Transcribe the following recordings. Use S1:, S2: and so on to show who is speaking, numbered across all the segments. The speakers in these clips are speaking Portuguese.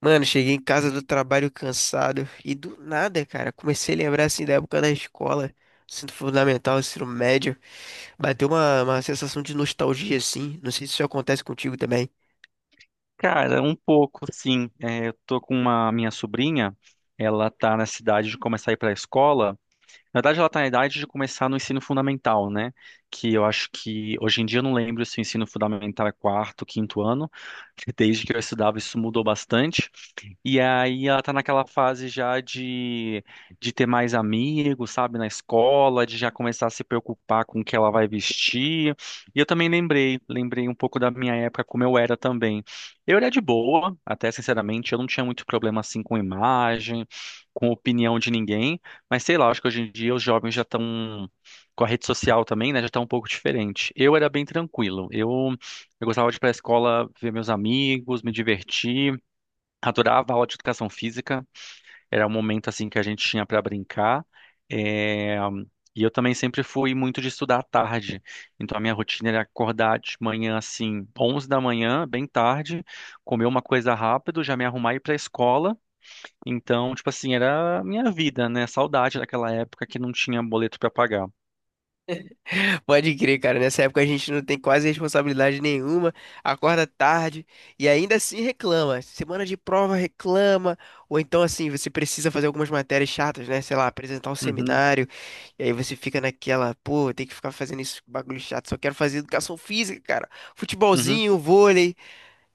S1: Mano, cheguei em casa do trabalho cansado e do nada, cara, comecei a lembrar assim da época da escola, ensino fundamental, ensino médio. Bateu uma sensação de nostalgia assim. Não sei se isso acontece contigo também.
S2: Cara, um pouco, sim. É, eu tô com uma minha sobrinha, ela tá na cidade de começar a ir pra escola. Na verdade, ela tá na idade de começar no ensino fundamental, né? Que eu acho que hoje em dia eu não lembro se o ensino fundamental é quarto, quinto ano. Desde que eu estudava, isso mudou bastante. E aí ela tá naquela fase já de ter mais amigos, sabe, na escola, de já começar a se preocupar com o que ela vai vestir. E eu também lembrei, lembrei um pouco da minha época, como eu era também. Eu era de boa, até sinceramente, eu não tinha muito problema assim com imagem, com opinião de ninguém, mas sei lá, acho que hoje em dia os jovens já estão com a rede social também, né, já tá um pouco diferente. Eu era bem tranquilo. Eu gostava de ir pra escola, ver meus amigos, me divertir. Adorava a aula de educação física, era um momento assim que a gente tinha para brincar. eh, E eu também sempre fui muito de estudar à tarde. Então a minha rotina era acordar de manhã assim, 11 da manhã, bem tarde, comer uma coisa rápido, já me arrumar e ir para a escola. Então, tipo assim, era a minha vida, né? Saudade daquela época que não tinha boleto para pagar.
S1: Pode crer, cara. Nessa época a gente não tem quase responsabilidade nenhuma, acorda tarde e ainda assim reclama. Semana de prova reclama, ou então assim, você precisa fazer algumas matérias chatas, né? Sei lá, apresentar um
S2: Uhum,
S1: seminário, e aí você fica naquela, pô, tem que ficar fazendo isso, bagulho chato, só quero fazer educação física, cara.
S2: uhum,
S1: Futebolzinho, vôlei,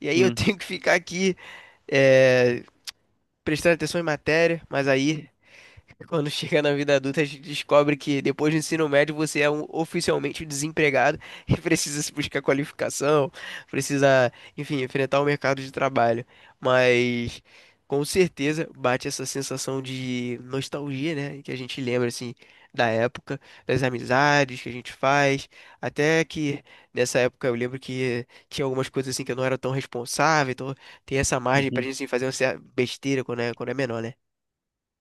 S1: e aí eu
S2: sim.
S1: tenho que ficar aqui, eh, prestando atenção em matéria, mas aí. Quando chega na vida adulta, a gente descobre que depois do ensino médio você é um oficialmente desempregado e precisa se buscar qualificação, precisa, enfim, enfrentar o mercado de trabalho. Mas com certeza bate essa sensação de nostalgia, né? Que a gente lembra assim da época, das amizades que a gente faz, até que nessa época eu lembro que tinha algumas coisas assim que eu não era tão responsável, então tem essa margem pra
S2: Uhum.
S1: gente assim, fazer uma besteira quando é menor, né?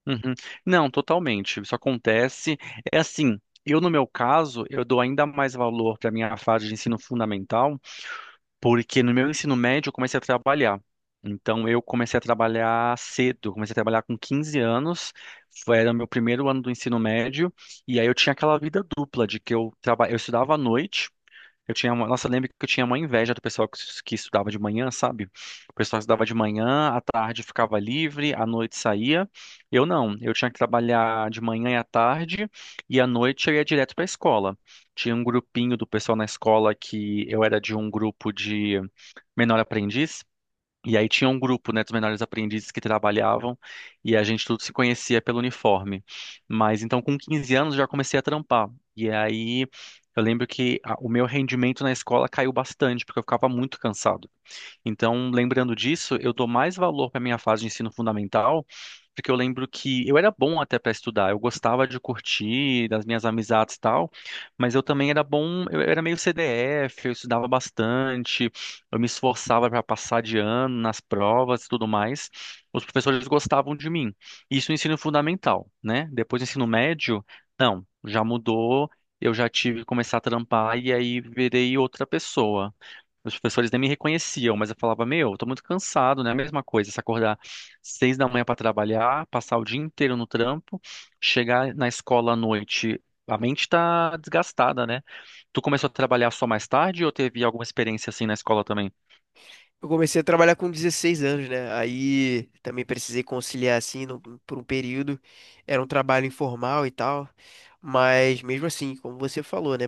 S2: Uhum. Não, totalmente. Isso acontece. É assim, eu no meu caso, eu dou ainda mais valor para minha fase de ensino fundamental, porque no meu ensino médio eu comecei a trabalhar. Então eu comecei a trabalhar cedo, comecei a trabalhar com 15 anos, era o meu primeiro ano do ensino médio, e aí eu tinha aquela vida dupla de eu estudava à noite. Nossa, eu lembro que eu tinha uma inveja do pessoal que estudava de manhã, sabe? O pessoal estudava de manhã, à tarde ficava livre, à noite saía. Eu não, eu tinha que trabalhar de manhã e à tarde, e à noite eu ia direto para a escola. Tinha um grupinho do pessoal na escola que eu era de um grupo de menor aprendiz, e aí tinha um grupo, né, dos menores aprendizes que trabalhavam e a gente tudo se conhecia pelo uniforme. Mas então com 15 anos já comecei a trampar. E aí eu lembro que o meu rendimento na escola caiu bastante, porque eu ficava muito cansado. Então, lembrando disso, eu dou mais valor para minha fase de ensino fundamental, porque eu lembro que eu era bom até para estudar, eu gostava de curtir, das minhas amizades e tal, mas eu também era bom, eu era meio CDF, eu estudava bastante, eu me esforçava para passar de ano nas provas e tudo mais. Os professores gostavam de mim. Isso no ensino fundamental, né? Depois do ensino médio, não, já mudou. Eu já tive que começar a trampar e aí virei outra pessoa. Os professores nem me reconheciam, mas eu falava, meu, eu tô muito cansado, né? A mesma coisa, se acordar 6 da manhã para trabalhar, passar o dia inteiro no trampo, chegar na escola à noite, a mente tá desgastada, né? Tu começou a trabalhar só mais tarde ou teve alguma experiência assim na escola também?
S1: Eu comecei a trabalhar com 16 anos, né? Aí também precisei conciliar assim por um período. Era um trabalho informal e tal, mas mesmo assim, como você falou, né?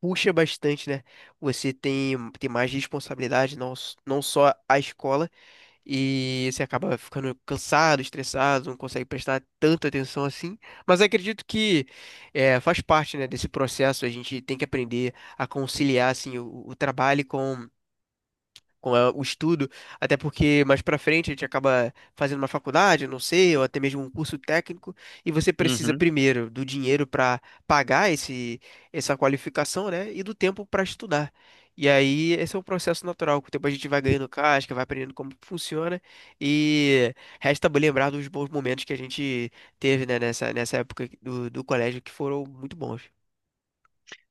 S1: Puxa bastante, né? Você tem mais responsabilidade, não, não só a escola, e você acaba ficando cansado, estressado, não consegue prestar tanta atenção assim. Mas acredito que é, faz parte, né, desse processo. A gente tem que aprender a conciliar assim, o trabalho com o estudo, até porque mais pra frente a gente acaba fazendo uma faculdade, não sei, ou até mesmo um curso técnico, e você precisa
S2: Uhum.
S1: primeiro do dinheiro pra pagar esse essa qualificação, né, e do tempo pra estudar. E aí esse é um processo natural, com o tempo a gente vai ganhando casca, vai aprendendo como funciona e resta lembrar dos bons momentos que a gente teve, né, nessa época do colégio que foram muito bons.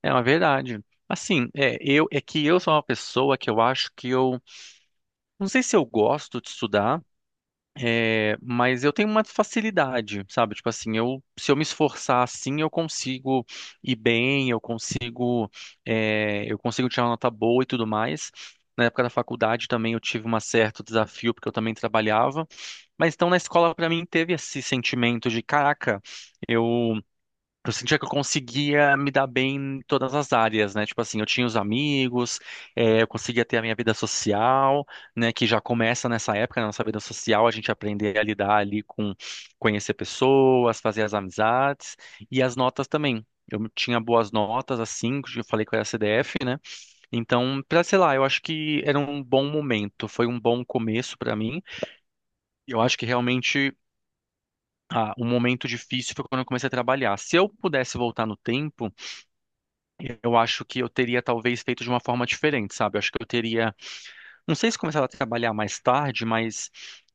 S2: É uma verdade. Assim, é, eu, é que eu sou uma pessoa que eu acho que eu, não sei se eu gosto de estudar. É, mas eu tenho uma facilidade, sabe? Tipo assim, eu, se eu me esforçar assim, eu consigo ir bem, eu consigo, é, eu consigo tirar uma nota boa e tudo mais. Na época da faculdade também eu tive um certo desafio, porque eu também trabalhava. Mas então na escola, pra mim, teve esse sentimento de, caraca, eu eu sentia que eu conseguia me dar bem em todas as áreas, né? Tipo assim, eu tinha os amigos, eu conseguia ter a minha vida social, né? Que já começa nessa época, na nossa vida social, a gente aprender a lidar ali com conhecer pessoas, fazer as amizades e as notas também. Eu tinha boas notas, assim, que eu falei que eu era CDF, né? Então, pra, sei lá, eu acho que era um bom momento, foi um bom começo pra mim. E eu acho que realmente o momento difícil foi quando eu comecei a trabalhar. Se eu pudesse voltar no tempo, eu acho que eu teria talvez feito de uma forma diferente, sabe? Eu acho que eu teria, não sei se começar a trabalhar mais tarde, mas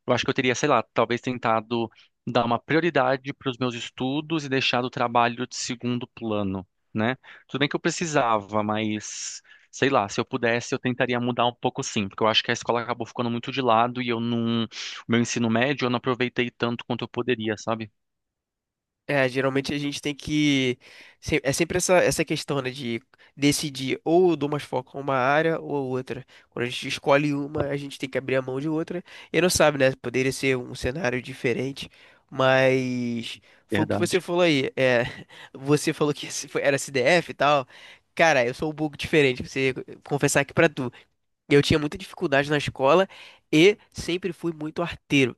S2: eu acho que eu teria, sei lá, talvez tentado dar uma prioridade para os meus estudos e deixado o trabalho de segundo plano, né? Tudo bem que eu precisava, mas sei lá, se eu pudesse, eu tentaria mudar um pouco sim, porque eu acho que a escola acabou ficando muito de lado e eu não, o meu ensino médio eu não aproveitei tanto quanto eu poderia, sabe?
S1: É, geralmente a gente tem que. É sempre essa questão, né, de decidir ou eu dou mais foco a uma área ou a outra. Quando a gente escolhe uma, a gente tem que abrir a mão de outra. E não sabe, né? Poderia ser um cenário diferente, mas foi o que você
S2: Verdade.
S1: falou aí. É, você falou que esse era CDF e tal. Cara, eu sou um pouco diferente, você confessar aqui pra tu. Eu tinha muita dificuldade na escola e sempre fui muito arteiro.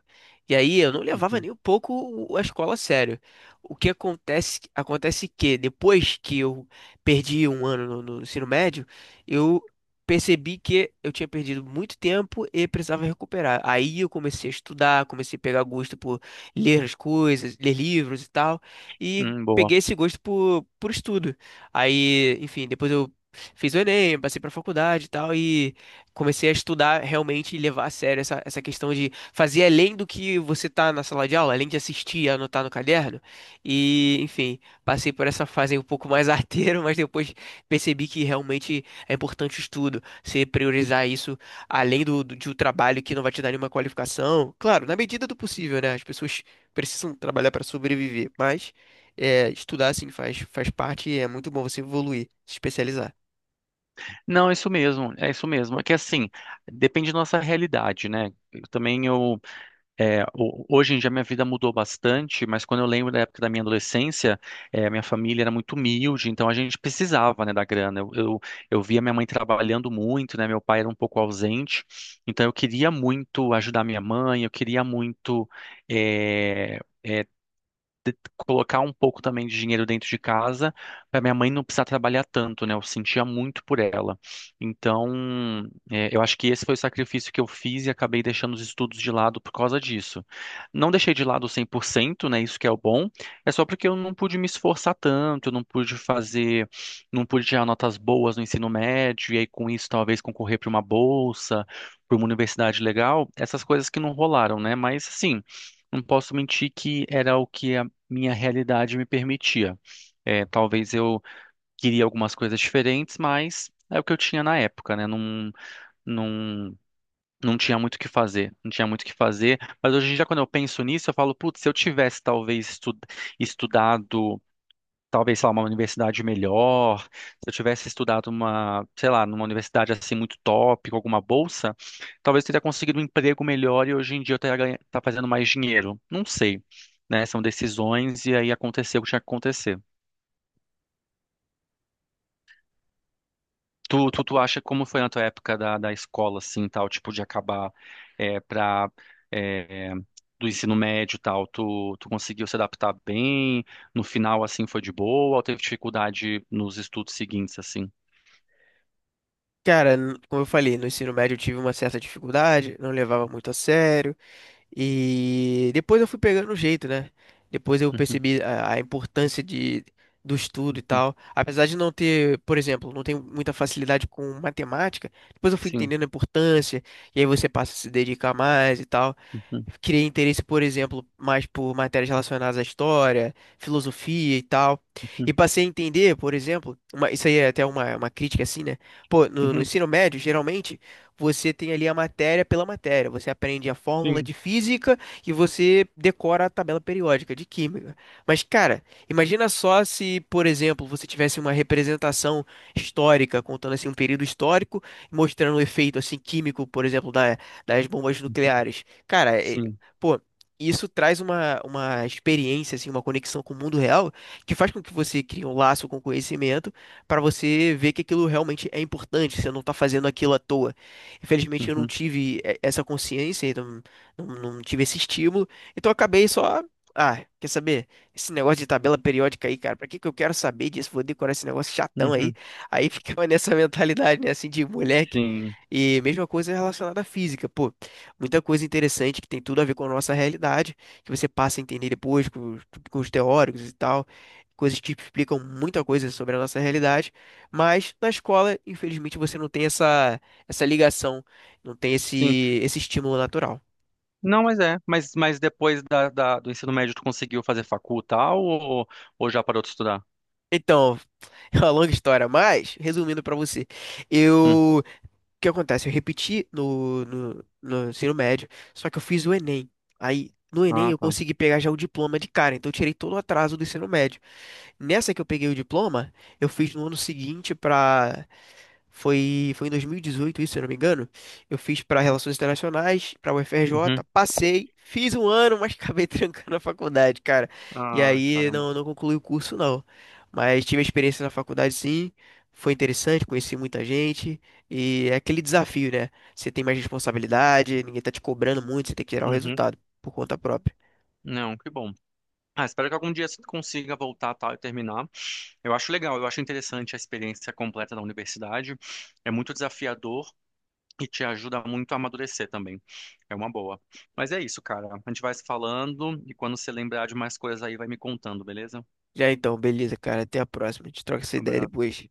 S1: E aí eu não levava
S2: Uhum.
S1: nem um pouco a escola a sério. O que acontece, acontece que depois que eu perdi um ano no ensino médio, eu percebi que eu tinha perdido muito tempo e precisava recuperar. Aí eu comecei a estudar, comecei a pegar gosto por ler as coisas, ler livros e tal, e
S2: Boa.
S1: peguei esse gosto por estudo. Aí, enfim, depois eu fiz o Enem, passei para faculdade e tal, e comecei a estudar realmente e levar a sério essa questão de fazer além do que você tá na sala de aula, além de assistir e anotar no caderno. E, enfim, passei por essa fase aí um pouco mais arteiro, mas depois percebi que realmente é importante o estudo, você priorizar isso além de um trabalho que não vai te dar nenhuma qualificação. Claro, na medida do possível, né? As pessoas precisam trabalhar para sobreviver, mas é, estudar, assim, faz, faz parte e é muito bom você evoluir, se especializar.
S2: Não, é isso mesmo, é isso mesmo. É que assim, depende da nossa realidade, né? Eu também eu, é, hoje em dia minha vida mudou bastante, mas quando eu lembro da época da minha adolescência, é, minha família era muito humilde, então a gente precisava, né, da grana. Eu via minha mãe trabalhando muito, né? Meu pai era um pouco ausente, então eu queria muito ajudar minha mãe, eu queria muito, é, é, colocar um pouco também de dinheiro dentro de casa para minha mãe não precisar trabalhar tanto, né? Eu sentia muito por ela. Então, é, eu acho que esse foi o sacrifício que eu fiz e acabei deixando os estudos de lado por causa disso. Não deixei de lado 100%, né? Isso que é o bom. É só porque eu não pude me esforçar tanto, eu não pude fazer, não pude tirar notas boas no ensino médio e aí com isso talvez concorrer para uma bolsa, para uma universidade legal, essas coisas que não rolaram, né? Mas assim, não posso mentir que era o que minha realidade me permitia. É, talvez eu queria algumas coisas diferentes, mas é o que eu tinha na época, né? Não, não, não tinha muito o que fazer, não tinha muito o que fazer. Mas hoje em dia, quando eu penso nisso, eu falo, putz, se eu tivesse talvez estudado talvez, sei lá, uma universidade melhor, se eu tivesse estudado uma, sei lá, numa universidade assim muito top, com alguma bolsa, talvez eu teria conseguido um emprego melhor e hoje em dia eu teria tá fazendo mais dinheiro. Não sei, né? São decisões e aí aconteceu o que tinha que acontecer. Tu acha como foi na tua época da escola, assim, tal, tipo, de acabar é, pra, é, do ensino médio tal, tu conseguiu se adaptar bem? No final, assim, foi de boa ou teve dificuldade nos estudos seguintes, assim?
S1: Cara, como eu falei, no ensino médio eu tive uma certa dificuldade, não levava muito a sério, e depois eu fui pegando o jeito, né? Depois eu
S2: Uhum.
S1: percebi a importância de, do estudo e tal. Apesar de não ter, por exemplo, não tenho muita facilidade com matemática, depois eu fui
S2: Sim.
S1: entendendo a importância, e aí você passa a se dedicar mais e tal.
S2: Uhum,
S1: Criei interesse, por exemplo, mais por matérias relacionadas à história, filosofia e tal. E
S2: uhum,
S1: passei a entender, por exemplo, isso aí é até uma crítica assim, né? Pô, no
S2: uhum.
S1: ensino médio, geralmente, você tem ali a matéria pela matéria. Você aprende a fórmula
S2: Sim.
S1: de física e você decora a tabela periódica de química. Mas, cara, imagina só se, por exemplo, você tivesse uma representação histórica, contando assim um período histórico, mostrando o efeito assim químico, por exemplo, das bombas nucleares. Cara,
S2: Sim.
S1: pô, isso traz uma experiência, assim, uma conexão com o mundo real que faz com que você crie um laço com o conhecimento para você ver que aquilo realmente é importante, você não tá fazendo aquilo à toa. Infelizmente, eu não
S2: Uhum,
S1: tive essa consciência, então, não tive esse estímulo, então eu acabei só. Ah, quer saber? Esse negócio de tabela periódica aí, cara, pra que que eu quero saber disso? Vou decorar esse negócio chatão aí.
S2: uhum.
S1: Aí ficava nessa mentalidade, né, assim, de moleque.
S2: Sim.
S1: E mesma coisa relacionada à física, pô. Muita coisa interessante que tem tudo a ver com a nossa realidade, que você passa a entender depois os com os teóricos e tal, coisas que explicam muita coisa sobre a nossa realidade, mas na escola, infelizmente, você não tem essa ligação, não tem
S2: Sim.
S1: esse estímulo natural.
S2: Não, mas é. Mas depois da, do ensino médio, tu conseguiu fazer facul tal ou já parou de estudar?
S1: Então, é uma longa história, mas resumindo pra você,
S2: Hum.
S1: eu, o que acontece? Eu repeti no ensino médio, só que eu fiz o Enem. Aí, no Enem,
S2: Ah,
S1: eu
S2: tá.
S1: consegui pegar já o diploma de cara, então eu tirei todo o atraso do ensino médio. Nessa que eu peguei o diploma, eu fiz no ano seguinte para foi foi em 2018, isso, se eu não me engano. Eu fiz para Relações Internacionais, para UFRJ,
S2: Uhum.
S1: passei, fiz um ano, mas acabei trancando a faculdade, cara. E
S2: Ah,
S1: aí
S2: caramba.
S1: não concluí o curso não. Mas tive a experiência na faculdade sim, foi interessante, conheci muita gente e é aquele desafio, né? Você tem mais responsabilidade, ninguém tá te cobrando muito, você tem que gerar o
S2: Uhum.
S1: resultado por conta própria.
S2: Não, que bom. Ah, espero que algum dia você consiga voltar tal e terminar. Eu acho legal, eu acho interessante a experiência completa da universidade. É muito desafiador. E te ajuda muito a amadurecer também. É uma boa. Mas é isso, cara. A gente vai se falando e quando você lembrar de mais coisas aí, vai me contando, beleza?
S1: Já então, beleza, cara, até a próxima. A gente troca essa
S2: Um
S1: ideia
S2: abraço.
S1: depois.